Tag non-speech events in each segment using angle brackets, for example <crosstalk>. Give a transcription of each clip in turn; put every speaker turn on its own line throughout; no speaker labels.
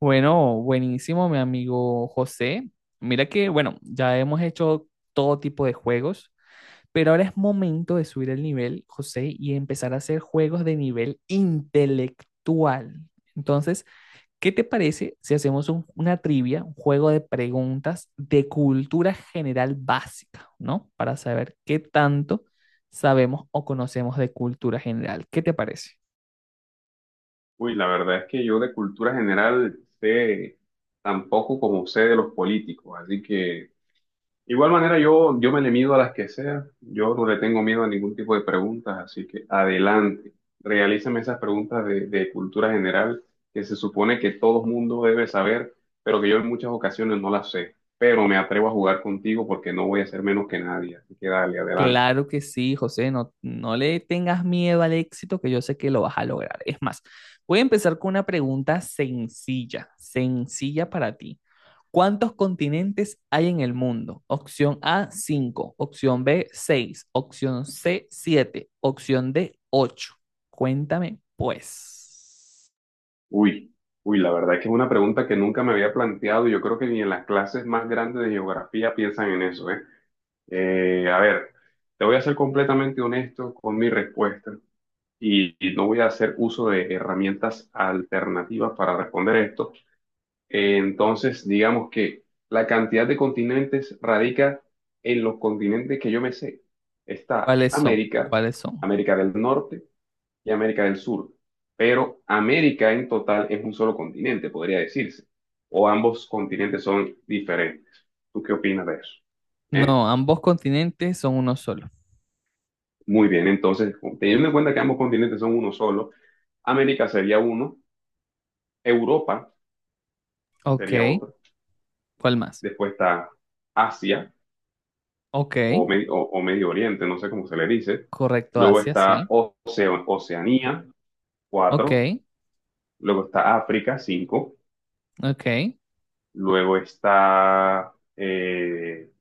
Bueno, buenísimo, mi amigo José. Mira que, bueno, ya hemos hecho todo tipo de juegos, pero ahora es momento de subir el nivel, José, y empezar a hacer juegos de nivel intelectual. Entonces, ¿qué te parece si hacemos una trivia, un juego de preguntas de cultura general básica, ¿no? Para saber qué tanto sabemos o conocemos de cultura general. ¿Qué te parece?
Uy, la verdad es que yo de cultura general sé tan poco como sé de los políticos, así que igual manera yo me le mido a las que sea, yo no le tengo miedo a ningún tipo de preguntas, así que adelante, realízame esas preguntas de cultura general que se supone que todo mundo debe saber, pero que yo en muchas ocasiones no las sé, pero me atrevo a jugar contigo porque no voy a ser menos que nadie, así que dale, adelante.
Claro que sí, José, no, no le tengas miedo al éxito, que yo sé que lo vas a lograr. Es más, voy a empezar con una pregunta sencilla, sencilla para ti. ¿Cuántos continentes hay en el mundo? Opción A, 5. Opción B, 6. Opción C, 7. Opción D, ocho. Cuéntame, pues,
Uy, uy, la verdad es que es una pregunta que nunca me había planteado. Y yo creo que ni en las clases más grandes de geografía piensan en eso, ¿eh? A ver, te voy a ser completamente honesto con mi respuesta y no voy a hacer uso de herramientas alternativas para responder esto. Entonces, digamos que la cantidad de continentes radica en los continentes que yo me sé. Está
¿cuáles son?
América,
¿Cuáles son?
América del Norte y América del Sur. Pero América en total es un solo continente, podría decirse. O ambos continentes son diferentes. ¿Tú qué opinas de eso? ¿Eh?
No, ambos continentes son uno solo.
Muy bien, entonces, teniendo en cuenta que ambos continentes son uno solo, América sería uno, Europa
Ok,
sería otro,
¿cuál más?
después está Asia
Ok,
o Medio Oriente, no sé cómo se le dice,
correcto,
luego
Asia,
está
sí.
Oceanía,
Ok,
cuatro, luego está África, cinco,
ok.
luego está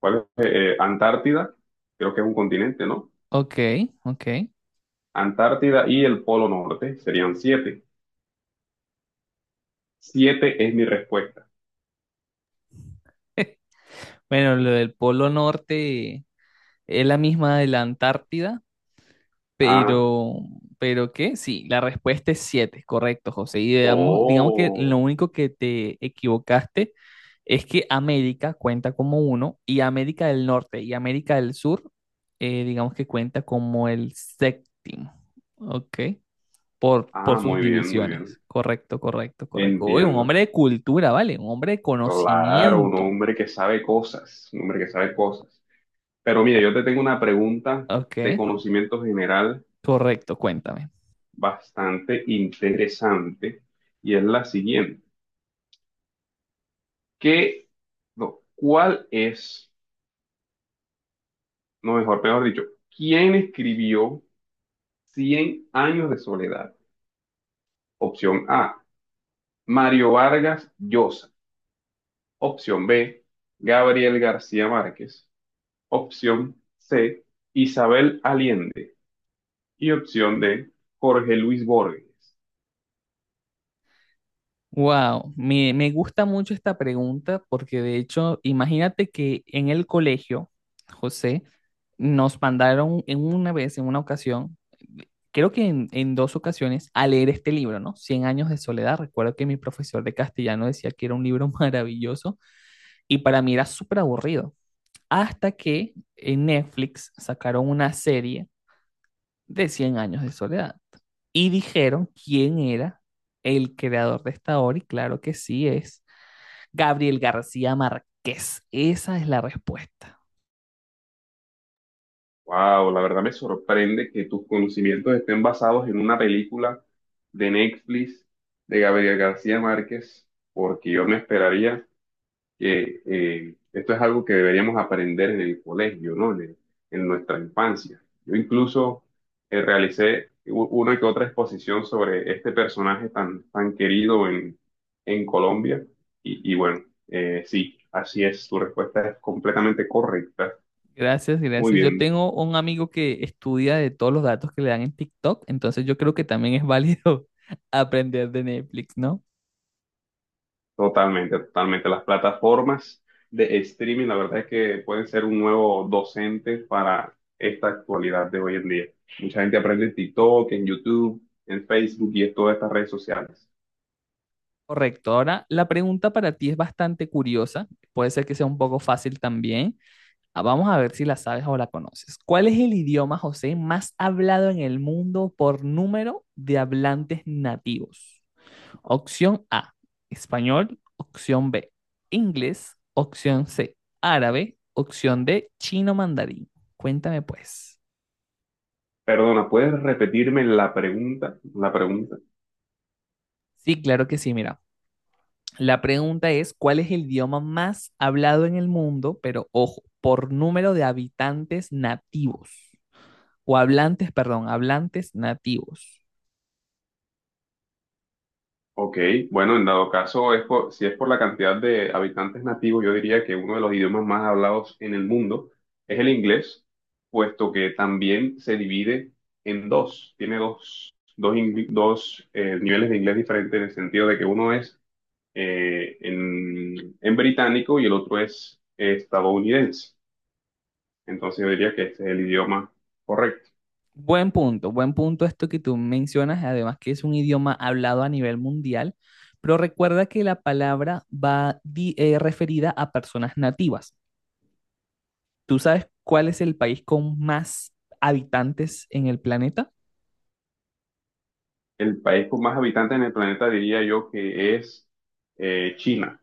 ¿Cuál es? Antártida, creo que es un continente, ¿no?
Ok, ok.
Antártida y el Polo Norte serían siete. Siete es mi respuesta.
<laughs> Bueno, lo del Polo Norte es la misma de la Antártida,
Ah,
pero, ¿pero qué? Sí, la respuesta es 7, correcto, José. Y digamos, digamos que lo
oh,
único que te equivocaste es que América cuenta como uno y América del Norte y América del Sur, digamos que cuenta como el séptimo, ¿ok? Por
ah,
sus
muy bien, muy bien.
divisiones. Correcto, correcto, correcto. Oye, un
Entiendo.
hombre de cultura, ¿vale? Un hombre de
Claro, un
conocimiento.
hombre que sabe cosas, un hombre que sabe cosas. Pero mira, yo te tengo una pregunta
Ok,
de conocimiento general
correcto, cuéntame.
bastante interesante y es la siguiente. ¿Qué, no, cuál es, no mejor dicho, quién escribió Cien años de soledad? Opción A, Mario Vargas Llosa. Opción B, Gabriel García Márquez. Opción C, Isabel Allende. Y opción D, Jorge Luis Borges.
Wow, me gusta mucho esta pregunta porque de hecho, imagínate que en el colegio, José, nos mandaron en una vez, en una ocasión, creo que en dos ocasiones, a leer este libro, ¿no? Cien años de soledad. Recuerdo que mi profesor de castellano decía que era un libro <laughs> maravilloso y para mí era súper aburrido. Hasta que en Netflix sacaron una serie de Cien años de soledad. Y dijeron quién era el creador de esta obra y claro que sí es Gabriel García Márquez. Esa es la respuesta.
Wow, la verdad me sorprende que tus conocimientos estén basados en una película de Netflix de Gabriel García Márquez, porque yo me esperaría que esto es algo que deberíamos aprender en el colegio, ¿no? En nuestra infancia. Yo incluso realicé una que otra exposición sobre este personaje tan, tan querido en, Colombia. Y bueno, sí, así es, tu respuesta es completamente correcta.
Gracias,
Muy
gracias. Yo
bien.
tengo un amigo que estudia de todos los datos que le dan en TikTok, entonces yo creo que también es válido <laughs> aprender de Netflix, ¿no?
Totalmente, totalmente. Las plataformas de streaming, la verdad es que pueden ser un nuevo docente para esta actualidad de hoy en día. Mucha gente aprende en TikTok, en YouTube, en Facebook y en todas estas redes sociales.
Correcto. Ahora, la pregunta para ti es bastante curiosa, puede ser que sea un poco fácil también. Ah, vamos a ver si la sabes o la conoces. ¿Cuál es el idioma, José, más hablado en el mundo por número de hablantes nativos? Opción A, español. Opción B, inglés. Opción C, árabe. Opción D, chino mandarín. Cuéntame pues.
Perdona, ¿puedes repetirme la pregunta? La pregunta.
Sí, claro que sí, mira. La pregunta es, ¿cuál es el idioma más hablado en el mundo? Pero ojo, por número de habitantes nativos. O hablantes, perdón, hablantes nativos.
Ok, bueno, en dado caso, si es por la cantidad de habitantes nativos, yo diría que uno de los idiomas más hablados en el mundo es el inglés, puesto que también se divide en dos, tiene dos niveles de inglés diferentes en el sentido de que uno es en británico y el otro es estadounidense. Entonces yo diría que este es el idioma correcto.
Buen punto esto que tú mencionas, además que es un idioma hablado a nivel mundial, pero recuerda que la palabra va referida a personas nativas. ¿Tú sabes cuál es el país con más habitantes en el planeta?
El país con más habitantes en el planeta diría yo que es China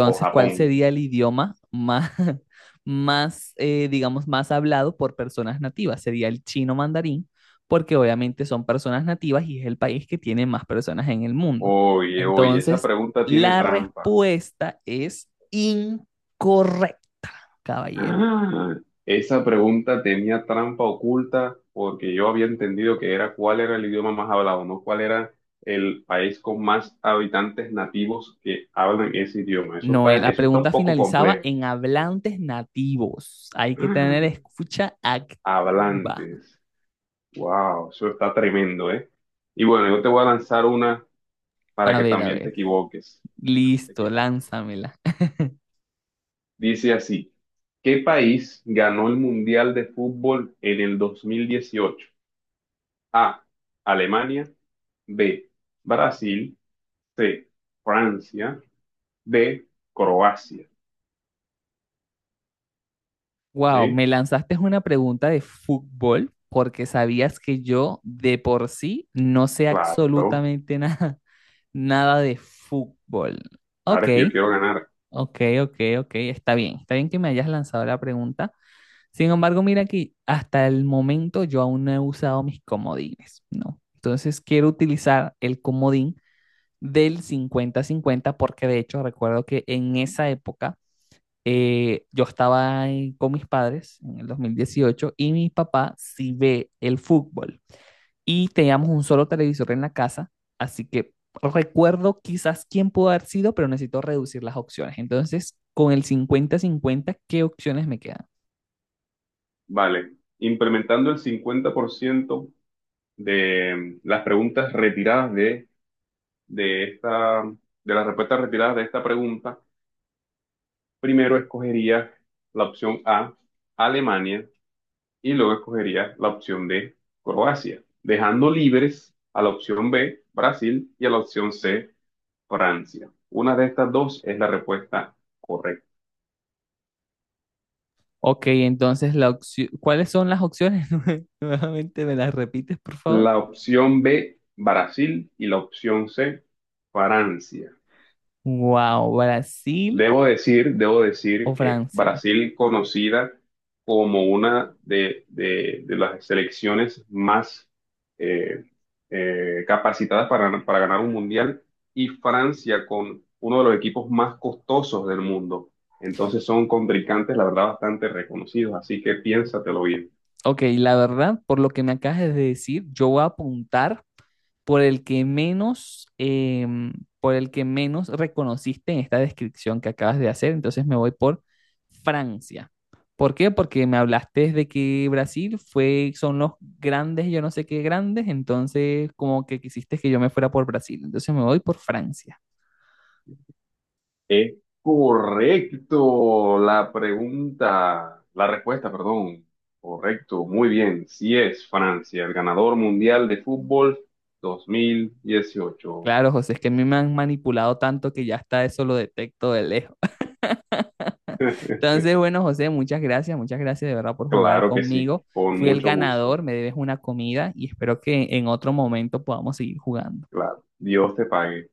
o
¿cuál
Japón.
sería el idioma más, <laughs> más digamos, más hablado por personas nativas? Sería el chino mandarín, porque obviamente son personas nativas y es el país que tiene más personas en el mundo.
Oye, oye, esa
Entonces,
pregunta tiene
la
trampa.
respuesta es incorrecta, caballero.
Ah, esa pregunta tenía trampa oculta porque yo había entendido que era cuál era el idioma más hablado, no cuál era el país con más habitantes nativos que hablan ese idioma. Eso
No,
está,
la
eso está un
pregunta
poco
finalizaba
complejo.
en hablantes nativos. Hay que tener escucha
Ah,
activa.
hablantes. Wow, eso está tremendo, ¿eh? Y bueno, yo te voy a lanzar una para
A
que
ver, a
también te
ver.
equivoques. Para que también te
Listo,
equivoques.
lánzamela. <laughs>
Dice así, ¿qué país ganó el Mundial de Fútbol en el 2018? A, Alemania, B, Brasil, C, Francia, D, Croacia.
Wow,
¿Eh?
me lanzaste una pregunta de fútbol porque sabías que yo de por sí no sé
Claro,
absolutamente nada, <laughs> nada de fútbol. Ok,
ahora es que yo quiero ganar.
ok, ok, ok, está bien que me hayas lanzado la pregunta. Sin embargo, mira que hasta el momento yo aún no he usado mis comodines, ¿no? Entonces quiero utilizar el comodín del 50-50 porque de hecho recuerdo que en esa época yo estaba con mis padres en el 2018 y mi papá sí ve el fútbol. Y teníamos un solo televisor en la casa, así que recuerdo quizás quién pudo haber sido, pero necesito reducir las opciones. Entonces, con el 50-50, ¿qué opciones me quedan?
Vale, implementando el 50% de las preguntas retiradas de esta, de las respuestas retiradas de esta pregunta, primero escogería la opción A, Alemania. Y luego escogería la opción D, Croacia, dejando libres a la opción B, Brasil, y a la opción C, Francia. Una de estas dos es la respuesta correcta.
Ok, entonces, ¿cuáles son las opciones? <laughs> Nuevamente, ¿me las repites, por favor?
La opción B, Brasil, y la opción C, Francia.
Wow, Brasil
Debo
o
decir que
Francia.
Brasil, conocida como una de las selecciones más eh, capacitadas para ganar un mundial, y Francia con uno de los equipos más costosos del mundo. Entonces son contrincantes, la verdad, bastante reconocidos, así que piénsatelo bien.
Ok, la verdad, por lo que me acabas de decir, yo voy a apuntar por el que menos, em, por el que menos reconociste en esta descripción que acabas de hacer, entonces me voy por Francia. ¿Por qué? Porque me hablaste de que Brasil fue, son los grandes, yo no sé qué grandes, entonces como que quisiste que yo me fuera por Brasil, entonces me voy por Francia.
Es correcto la pregunta, la respuesta, perdón. Correcto, muy bien. Sí es Francia, el ganador mundial de fútbol 2018.
Claro, José, es que a mí me han manipulado tanto que ya hasta eso lo detecto de lejos. <laughs>
<laughs>
Entonces, bueno, José, muchas gracias de verdad por jugar
Claro que sí,
conmigo.
con
Fui el
mucho gusto.
ganador, me debes una comida y espero que en otro momento podamos seguir jugando.
Claro, Dios te pague.